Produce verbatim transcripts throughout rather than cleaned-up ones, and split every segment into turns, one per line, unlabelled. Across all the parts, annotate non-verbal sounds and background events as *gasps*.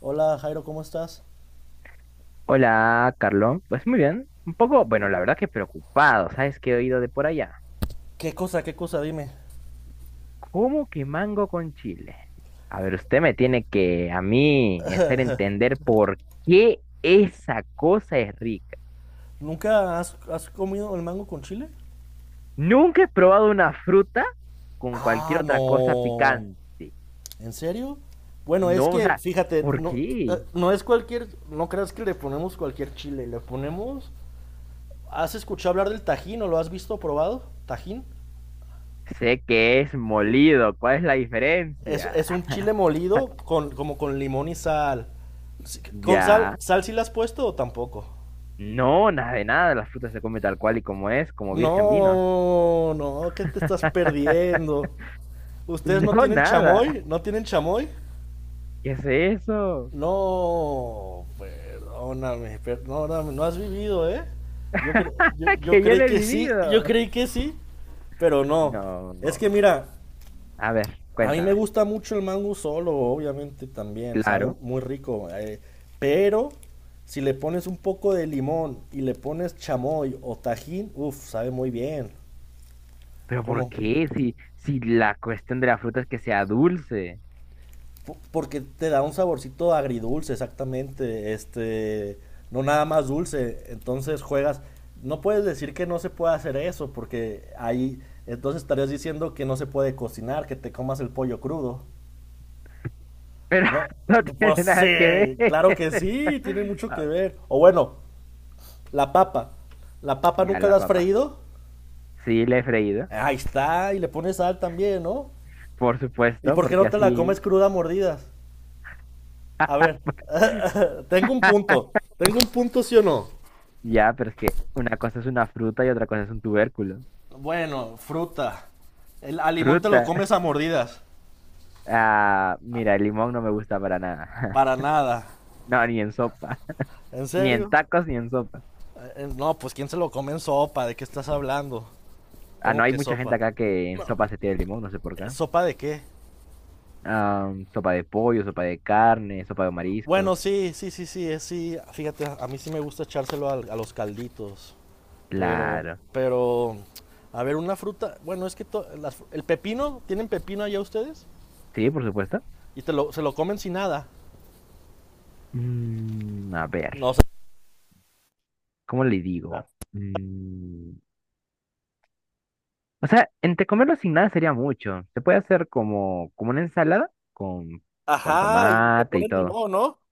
Hola Jairo, ¿cómo estás?
Hola, Carlos. Pues muy bien. Un poco, bueno, la verdad que preocupado. ¿Sabes qué he oído de por allá?
¿Qué cosa, qué cosa? Dime.
¿Cómo que mango con chile? A ver, usted me tiene que a mí hacer entender por qué esa cosa es rica.
¿Nunca has, has comido el mango con chile?
Nunca he probado una fruta con cualquier
Ah,
otra cosa
no.
picante.
¿En serio? Bueno, es
No, o
que,
sea,
fíjate,
¿por
no, eh,
qué?
no es cualquier, no creas que le ponemos cualquier chile, le ponemos... ¿Has escuchado hablar del tajín o lo has visto o probado? ¿Tajín?
Sé que es molido. ¿Cuál es la
Es,
diferencia?
es un chile molido con, como con limón y sal. Sí, ¿con sal,
Ya.
sal sí le has puesto o tampoco?
No, nada de nada. La fruta se come tal cual y como es, como virgen vino.
No, no, ¿qué te estás perdiendo? ¿Ustedes no
Yo
tienen
nada.
chamoy? ¿No tienen chamoy?
¿Qué es eso?
No, perdóname, perdóname, no no, no has vivido, ¿eh? Yo, cre- yo,
*laughs*
yo
Que yo
creí
no he
que sí, yo
vivido.
creí que sí, pero no.
No,
Es que
no.
mira,
A ver,
a mí me
cuéntame.
gusta mucho el mango solo, obviamente también, sabe
Claro.
muy rico, eh, pero si le pones un poco de limón y le pones chamoy o tajín, uff, sabe muy bien.
Pero ¿por
¿Cómo?
qué? Si, si la cuestión de la fruta es que sea dulce.
Porque te da un saborcito agridulce, exactamente, este, no nada más dulce, entonces juegas, no puedes decir que no se puede hacer eso, porque ahí, entonces estarías diciendo que no se puede cocinar, que te comas el pollo crudo,
Pero
¿no?
*laughs* no
Pues
tiene nada que ver.
sí, claro que
*laughs*
sí, tiene mucho que
Ah,
ver, o bueno, la papa, la papa
ya
nunca
la
la has
papa.
freído,
Sí, la he freído.
ahí está, y le pones sal también, ¿no?
Por
¿Y
supuesto,
por qué
porque
no te la comes
así.
cruda a mordidas? A ver,
*laughs*
*laughs* tengo un punto. Tengo un punto, sí o no.
Ya, pero es que una cosa es una fruta y otra cosa es un tubérculo.
Bueno, fruta. El, al limón te lo
Fruta. *laughs*
comes a mordidas.
Ah, mira, el limón no me gusta para nada.
Para
*laughs*
nada.
No, ni en sopa.
¿En
Ni en
serio?
tacos ni en sopa.
Eh, eh, No, pues ¿quién se lo come en sopa? ¿De qué estás hablando?
Ah, no,
¿Cómo
hay
que
mucha gente
sopa?
acá que en sopa se tira el limón, no sé por qué.
Eh, ¿Sopa de qué?
Ah, mm, sopa de pollo, sopa de carne, sopa de mariscos.
Bueno, sí, sí, sí, sí, eh, sí. Fíjate, a mí sí me gusta echárselo al- a, los calditos. Pero,
Claro.
pero, a ver, una fruta. Bueno, es que to- las fru- el pepino, ¿tienen pepino allá ustedes?
Sí, por supuesto.
Y te lo, se lo comen sin nada.
Mm, a ver,
No,
¿cómo le digo? Mm, o sea, entre comerlo sin nada sería mucho. Se puede hacer como, como una ensalada con, con
ajá, y le
tomate y
ponen
todo.
limón, ¿no?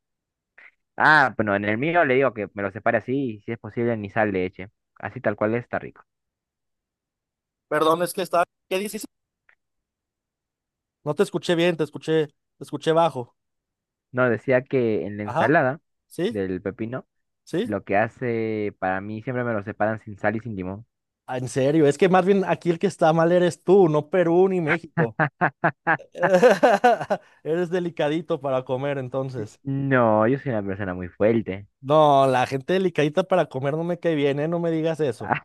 Ah, bueno, en el mío le digo que me lo separe así y si es posible ni sal le eche. Así tal cual está rico.
Perdón, es que está. ¿Qué dices? No te escuché bien, te escuché, te escuché bajo.
No, decía que en la
Ajá.
ensalada
¿Sí?
del pepino
¿Sí?
lo que hace, para mí siempre me lo separan sin sal y sin limón.
Ah, en serio, es que más bien aquí el que está mal eres tú, no Perú ni México. *laughs* Eres delicadito para comer,
Sí.
entonces.
No, yo soy una persona muy fuerte.
No, la gente delicadita para comer no me cae bien, ¿eh? No me digas eso.
Ah,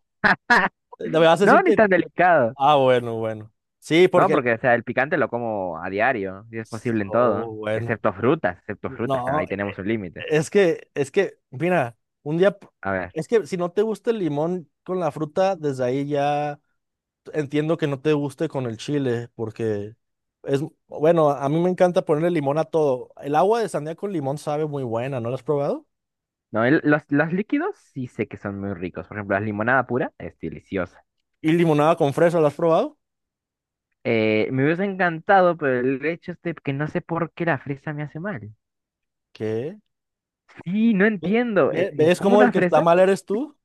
Eh, Me
*laughs*
vas a decir
no, ni
que...
tan delicado.
Ah, bueno, bueno. Sí,
No,
porque... el-
porque o sea, el picante lo como a diario, si es posible en todo,
Oh, bueno.
excepto frutas, excepto frutas, claro,
No.
ahí tenemos un límite.
Es que, es que, mira, un día, p-
A ver,
es que si no te gusta el limón con la fruta, desde ahí ya entiendo que no te guste con el chile, porque es, bueno, a mí me encanta ponerle limón a todo. El agua de sandía con limón sabe muy buena, ¿no la has probado?
no, el- los, los líquidos sí sé que son muy ricos. Por ejemplo, la limonada pura es deliciosa.
Y limonada con fresa, ¿la has probado?
Eh, me hubiese encantado, pero el hecho es de que no sé por qué la fresa me hace mal.
¿Qué?
Sí, no
Ve-
entiendo.
ve-
eh, eh,
¿Ves
¿Cómo
cómo el
una
que está
fresa?
mal eres tú?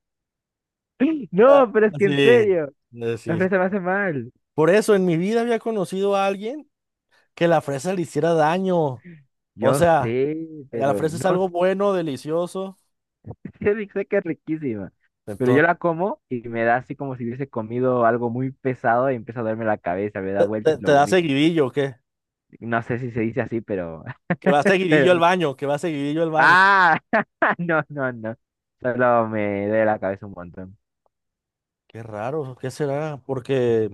*gasps*
Ah,
No, pero es que
sí,
en
eh,
serio, la
sí.
fresa me hace mal.
Por eso en mi vida había conocido a alguien que la fresa le hiciera daño. O
Yo
sea...
sé,
La
pero
fresa es
no sé,
algo bueno, delicioso.
*laughs* sé que es riquísima. Pero yo
Entonces,
la como y me da así como si hubiese comido algo muy pesado y empieza a darme la cabeza, me da vueltas
te,
y
te
lo
da
vomito.
seguidillo, o ¿qué?
No sé si se dice así, pero...
Que va
*laughs* pero...
seguidillo al
no.
baño, que va seguidillo al baño.
Ah, *laughs* no, no, no. Solo me duele la cabeza un montón.
Qué raro, ¿qué será? Porque,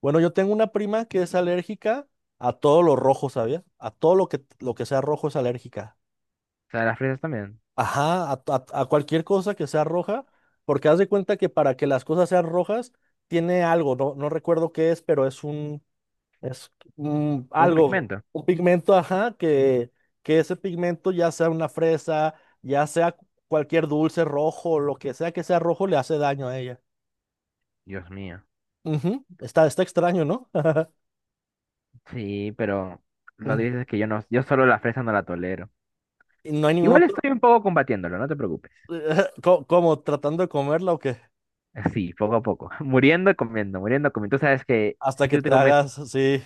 bueno, yo tengo una prima que es alérgica a todo lo rojo, ¿sabías? A todo lo que, lo que sea rojo es alérgica.
O sea, las fresas también.
Ajá, a, a- a cualquier cosa que sea roja, porque haz de cuenta que para que las cosas sean rojas, tiene algo, no, no recuerdo qué es, pero es un. Es mm,
Un
algo,
pigmento.
un pigmento, ajá, que, que ese pigmento ya sea una fresa, ya sea cualquier dulce rojo, lo que sea que sea rojo, le hace daño a ella.
Dios mío.
Ujú, Está, está extraño, ¿no? *laughs*
Sí, pero lo
Mm,
dices que yo no, yo solo la fresa no la tolero.
y no hay ningún
Igual
otro,
estoy un poco combatiéndolo, no te preocupes.
*laughs* co- como tratando de comerla o qué,
Sí, poco a poco. *laughs* Muriendo, comiendo, muriendo, comiendo. Tú sabes que
hasta
si
que
tú te
te
comes,
hagas, sí,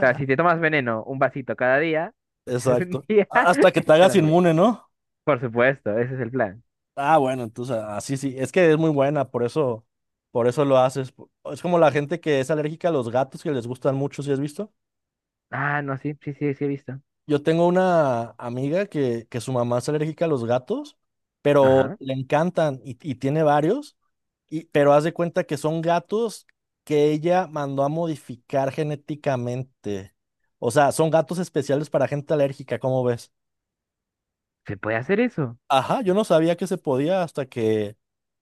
o sea, si te tomas veneno un vasito cada día, pues *laughs* algún
exacto,
día
A- hasta que te hagas
estarás bien.
inmune, ¿no?
Por supuesto, ese es el plan.
Ah, bueno, entonces así sí, sí, es que es muy buena, por eso, por eso lo haces. po- Es como la gente que es alérgica a los gatos que les gustan mucho, ¿si has visto?
Ah, no, sí, sí, sí, sí he visto.
Yo tengo una amiga que, que su mamá es alérgica a los gatos, pero
Ajá.
le encantan y, y tiene varios, y, pero haz de cuenta que son gatos que ella mandó a modificar genéticamente. O sea, son gatos especiales para gente alérgica, ¿cómo ves?
¿Se puede hacer eso?
Ajá, yo no sabía que se podía hasta que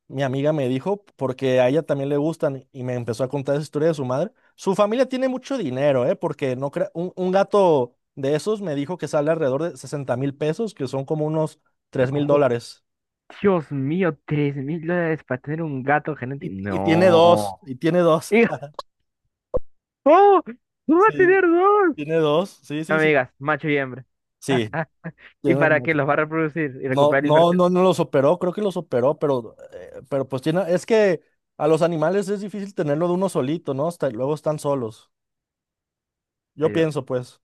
mi amiga me dijo, porque a ella también le gustan, y me empezó a contar esa historia de su madre. Su familia tiene mucho dinero, ¿eh? Porque no crea- un, un gato de esos me dijo que sale alrededor de sesenta mil pesos, que son como unos
*laughs*
tres mil
Oh,
dólares.
Dios mío, tres mil dólares para tener un gato genético.
Y, y tiene dos,
No.
y tiene
*laughs*
dos.
Y,
*laughs*
¡oh! ¡No va a
Sí,
tener dos!
tiene dos, sí,
No
sí,
me
sí.
digas, macho y hembra.
Sí,
¿Y
tiene
para
más.
qué los va a reproducir y
No,
recuperar la
no,
inversión?
no, no los operó, creo que los operó, pero, eh, pero pues tiene, es que a los animales es difícil tenerlo de uno solito, ¿no? Hasta, luego están solos. Yo
Pero,
pienso, pues,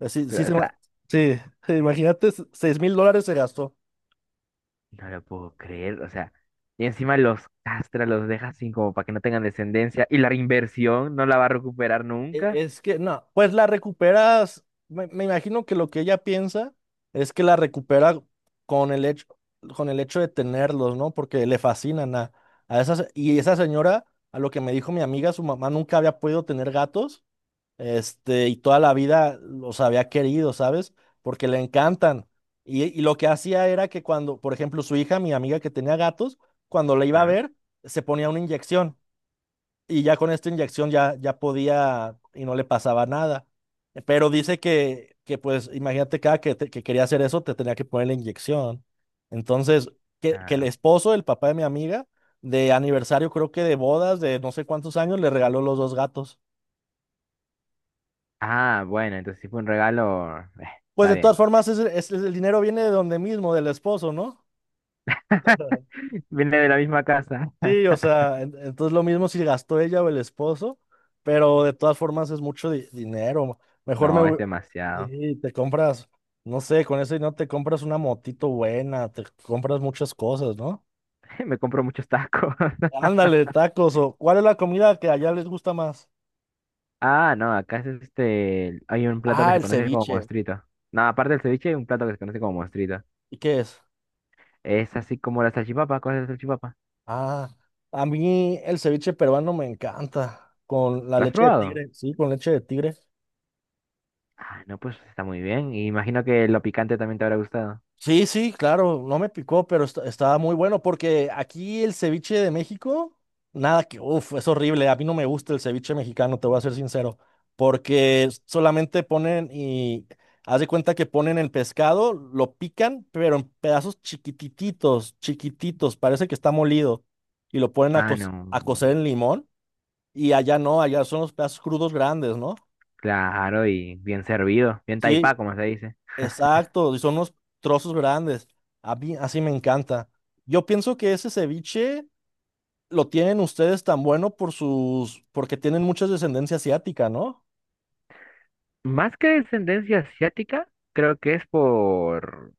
eh, sí, sí,
pero, o
se ma-
sea,
sí, *laughs* imagínate, seis mil dólares se gastó.
no lo puedo creer. O sea, y encima los castra, los deja sin como para que no tengan descendencia. Y la inversión no la va a recuperar
E-
nunca.
es que, no, pues la recuperas, me, me imagino que lo que ella piensa es que la recupera con el hecho, con el hecho de tenerlos, ¿no? Porque le fascinan a, a esas, y esa señora, a lo que me dijo mi amiga, su mamá nunca había podido tener gatos. Este, y toda la vida los había querido, ¿sabes? Porque le encantan. Y, y lo que hacía era que cuando, por ejemplo, su hija, mi amiga que tenía gatos, cuando la iba a
Claro,
ver, se ponía una inyección. Y ya con esta inyección ya, ya podía y no le pasaba nada. Pero dice que, que pues, imagínate, cada que, te- que quería hacer eso, te tenía que poner la inyección. Entonces, que, que el
claro.
esposo, el papá de mi amiga, de aniversario, creo que de bodas, de no sé cuántos años, le regaló los dos gatos.
Ah, bueno, entonces si fue un regalo, eh,
Pues
está
de todas
bien.
formas, es, es- el dinero viene de donde mismo, del esposo, ¿no?
*laughs* Viene de la misma casa.
Sí, o sea, en- entonces lo mismo si gastó ella o el esposo, pero de todas formas es mucho di- dinero. Mejor me...
No, es
hu-
demasiado.
Sí, te compras, no sé, con ese dinero te compras una motito buena, te compras muchas cosas, ¿no?
*laughs* Me compro muchos tacos. *laughs*
Ándale, tacos, o ¿cuál es la comida que allá les gusta más?
Ah, no, acá es este. Hay un plato que
Ah,
se
el
conoce como
ceviche.
monstruito. No, aparte del ceviche, hay un plato que se conoce como monstruito.
¿Y qué es?
Es así como la salchipapa. ¿Cuál es la salchipapa?
Ah, a mí el ceviche peruano me encanta, con la
¿Lo has
leche de
probado?
tigre, sí, con leche de tigre.
Ah, no, pues está muy bien. Y imagino que lo picante también te habrá gustado.
Sí, sí, claro, no me picó, pero est- estaba muy bueno porque aquí el ceviche de México, nada que, uff, es horrible. A mí no me gusta el ceviche mexicano, te voy a ser sincero, porque solamente ponen y haz de cuenta que ponen el pescado, lo pican, pero en pedazos chiquititos, chiquititos, parece que está molido y lo ponen a,
Ah,
co-
no.
a cocer en limón y allá no, allá son los pedazos crudos grandes, ¿no?
Claro, y bien servido. Bien
Sí,
taipá, como se dice.
exacto, y son unos trozos grandes. A mí así me encanta. Yo pienso que ese ceviche lo tienen ustedes tan bueno por sus, porque tienen mucha descendencia asiática, ¿no?
Más que descendencia asiática, creo que es por...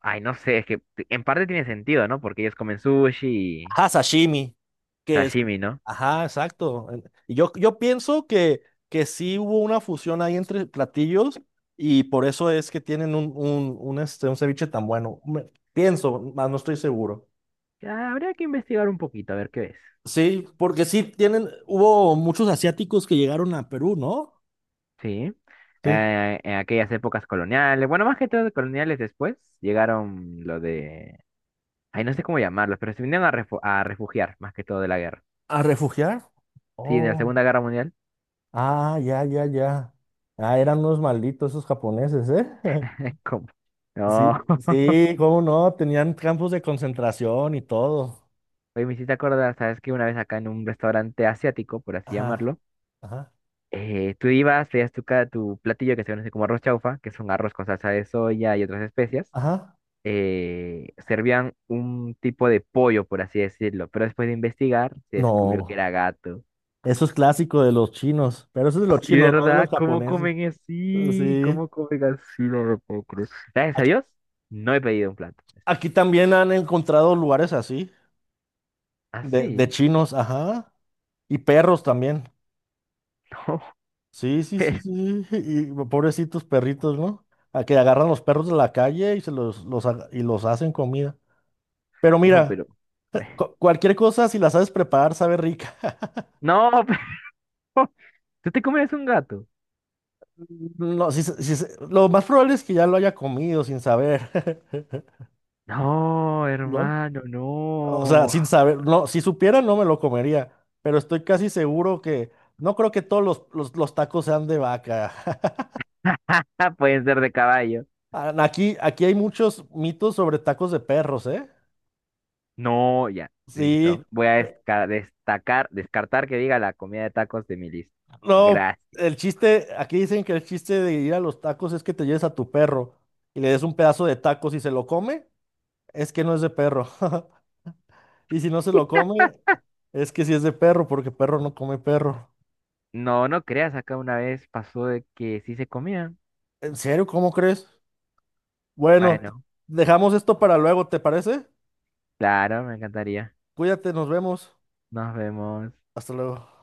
Ay, no sé, es que en parte tiene sentido, ¿no? Porque ellos comen sushi y
Ajá, sashimi, que es,
sashimi, ¿no?
ajá, exacto. En- Y yo, yo pienso que, que sí hubo una fusión ahí entre platillos y por eso es que tienen un, un, un, este, un ceviche tan bueno. Me- pienso, más no estoy seguro.
Ya, habría que investigar un poquito, a ver qué es.
Sí, porque sí tienen, hubo muchos asiáticos que llegaron a Perú, ¿no?
Sí.
Sí.
Eh, en aquellas épocas coloniales, bueno, más que todo coloniales después, llegaron lo de... Ay, no sé cómo llamarlos, pero se vinieron a, refu- a refugiar, más que todo de la guerra.
¿A refugiar?
Sí, en la
Oh,
Segunda Guerra Mundial.
ah, ya, ya, ya. Ah, eran unos malditos esos japoneses, ¿eh? *laughs*
*laughs* ¿Cómo?
Sí,
No. *laughs*
sí, cómo no, tenían campos de concentración y todo.
Oye, me hiciste acordar, ¿sabes que una vez acá en un restaurante asiático, por así
Ajá,
llamarlo,
ajá,
eh, tú ibas, te tu, ca- tu platillo que se conoce como arroz chaufa, que es un arroz con salsa de soya y otras especias.
ajá.
eh, servían un tipo de pollo, por así decirlo, pero después de investigar se descubrió que era
No,
gato.
eso es clásico de los chinos, pero eso es de los
Sí,
chinos, no de los
¿verdad? ¿Cómo
japoneses.
comen así?
Sí,
¿Cómo comen así? No lo puedo creer. Gracias a
aquí,
Dios, no he pedido un plato.
aquí también han encontrado lugares así, de, de
Así,
chinos, ajá, y perros también.
no,
Sí,
*laughs*
sí, sí,
pero,
sí, sí, y pobrecitos perritos, ¿no? A que agarran los perros de la calle y se los, los ha- y los hacen comida. Pero
no,
mira,
pero,
eh,
bueno.
cu- cualquier cosa, si la sabes preparar, sabe rica.
No, pero, *laughs* ¿tú te comes un gato?
No, si, se- si se- lo más probable es que ya lo haya comido sin saber, *laughs*
No,
¿no?
hermano,
O sea,
no.
sin saber, no, si supiera no me lo comería, pero estoy casi seguro que no creo que todos los, los, los tacos sean de vaca. *laughs*
*laughs* Pueden ser de caballo.
Ah, Aquí, aquí hay muchos mitos sobre tacos de perros, ¿eh?
No, ya,
Sí.
listo. Voy a desca- destacar, descartar que diga la comida de tacos de mi lista.
No,
Gracias.
el chiste, aquí dicen que el chiste de ir a los tacos es que te lleves a tu perro y le des un pedazo de tacos y se lo come, es que no es de perro. *laughs* Y si no se lo come, es que sí es de perro, porque perro no come perro.
No, no creas, acá una vez pasó de que sí se comían.
¿En serio? ¿Cómo crees? Bueno,
Bueno,
dejamos esto para luego, ¿te parece?
claro, me encantaría.
Cuídate, nos vemos.
Nos vemos.
Hasta luego.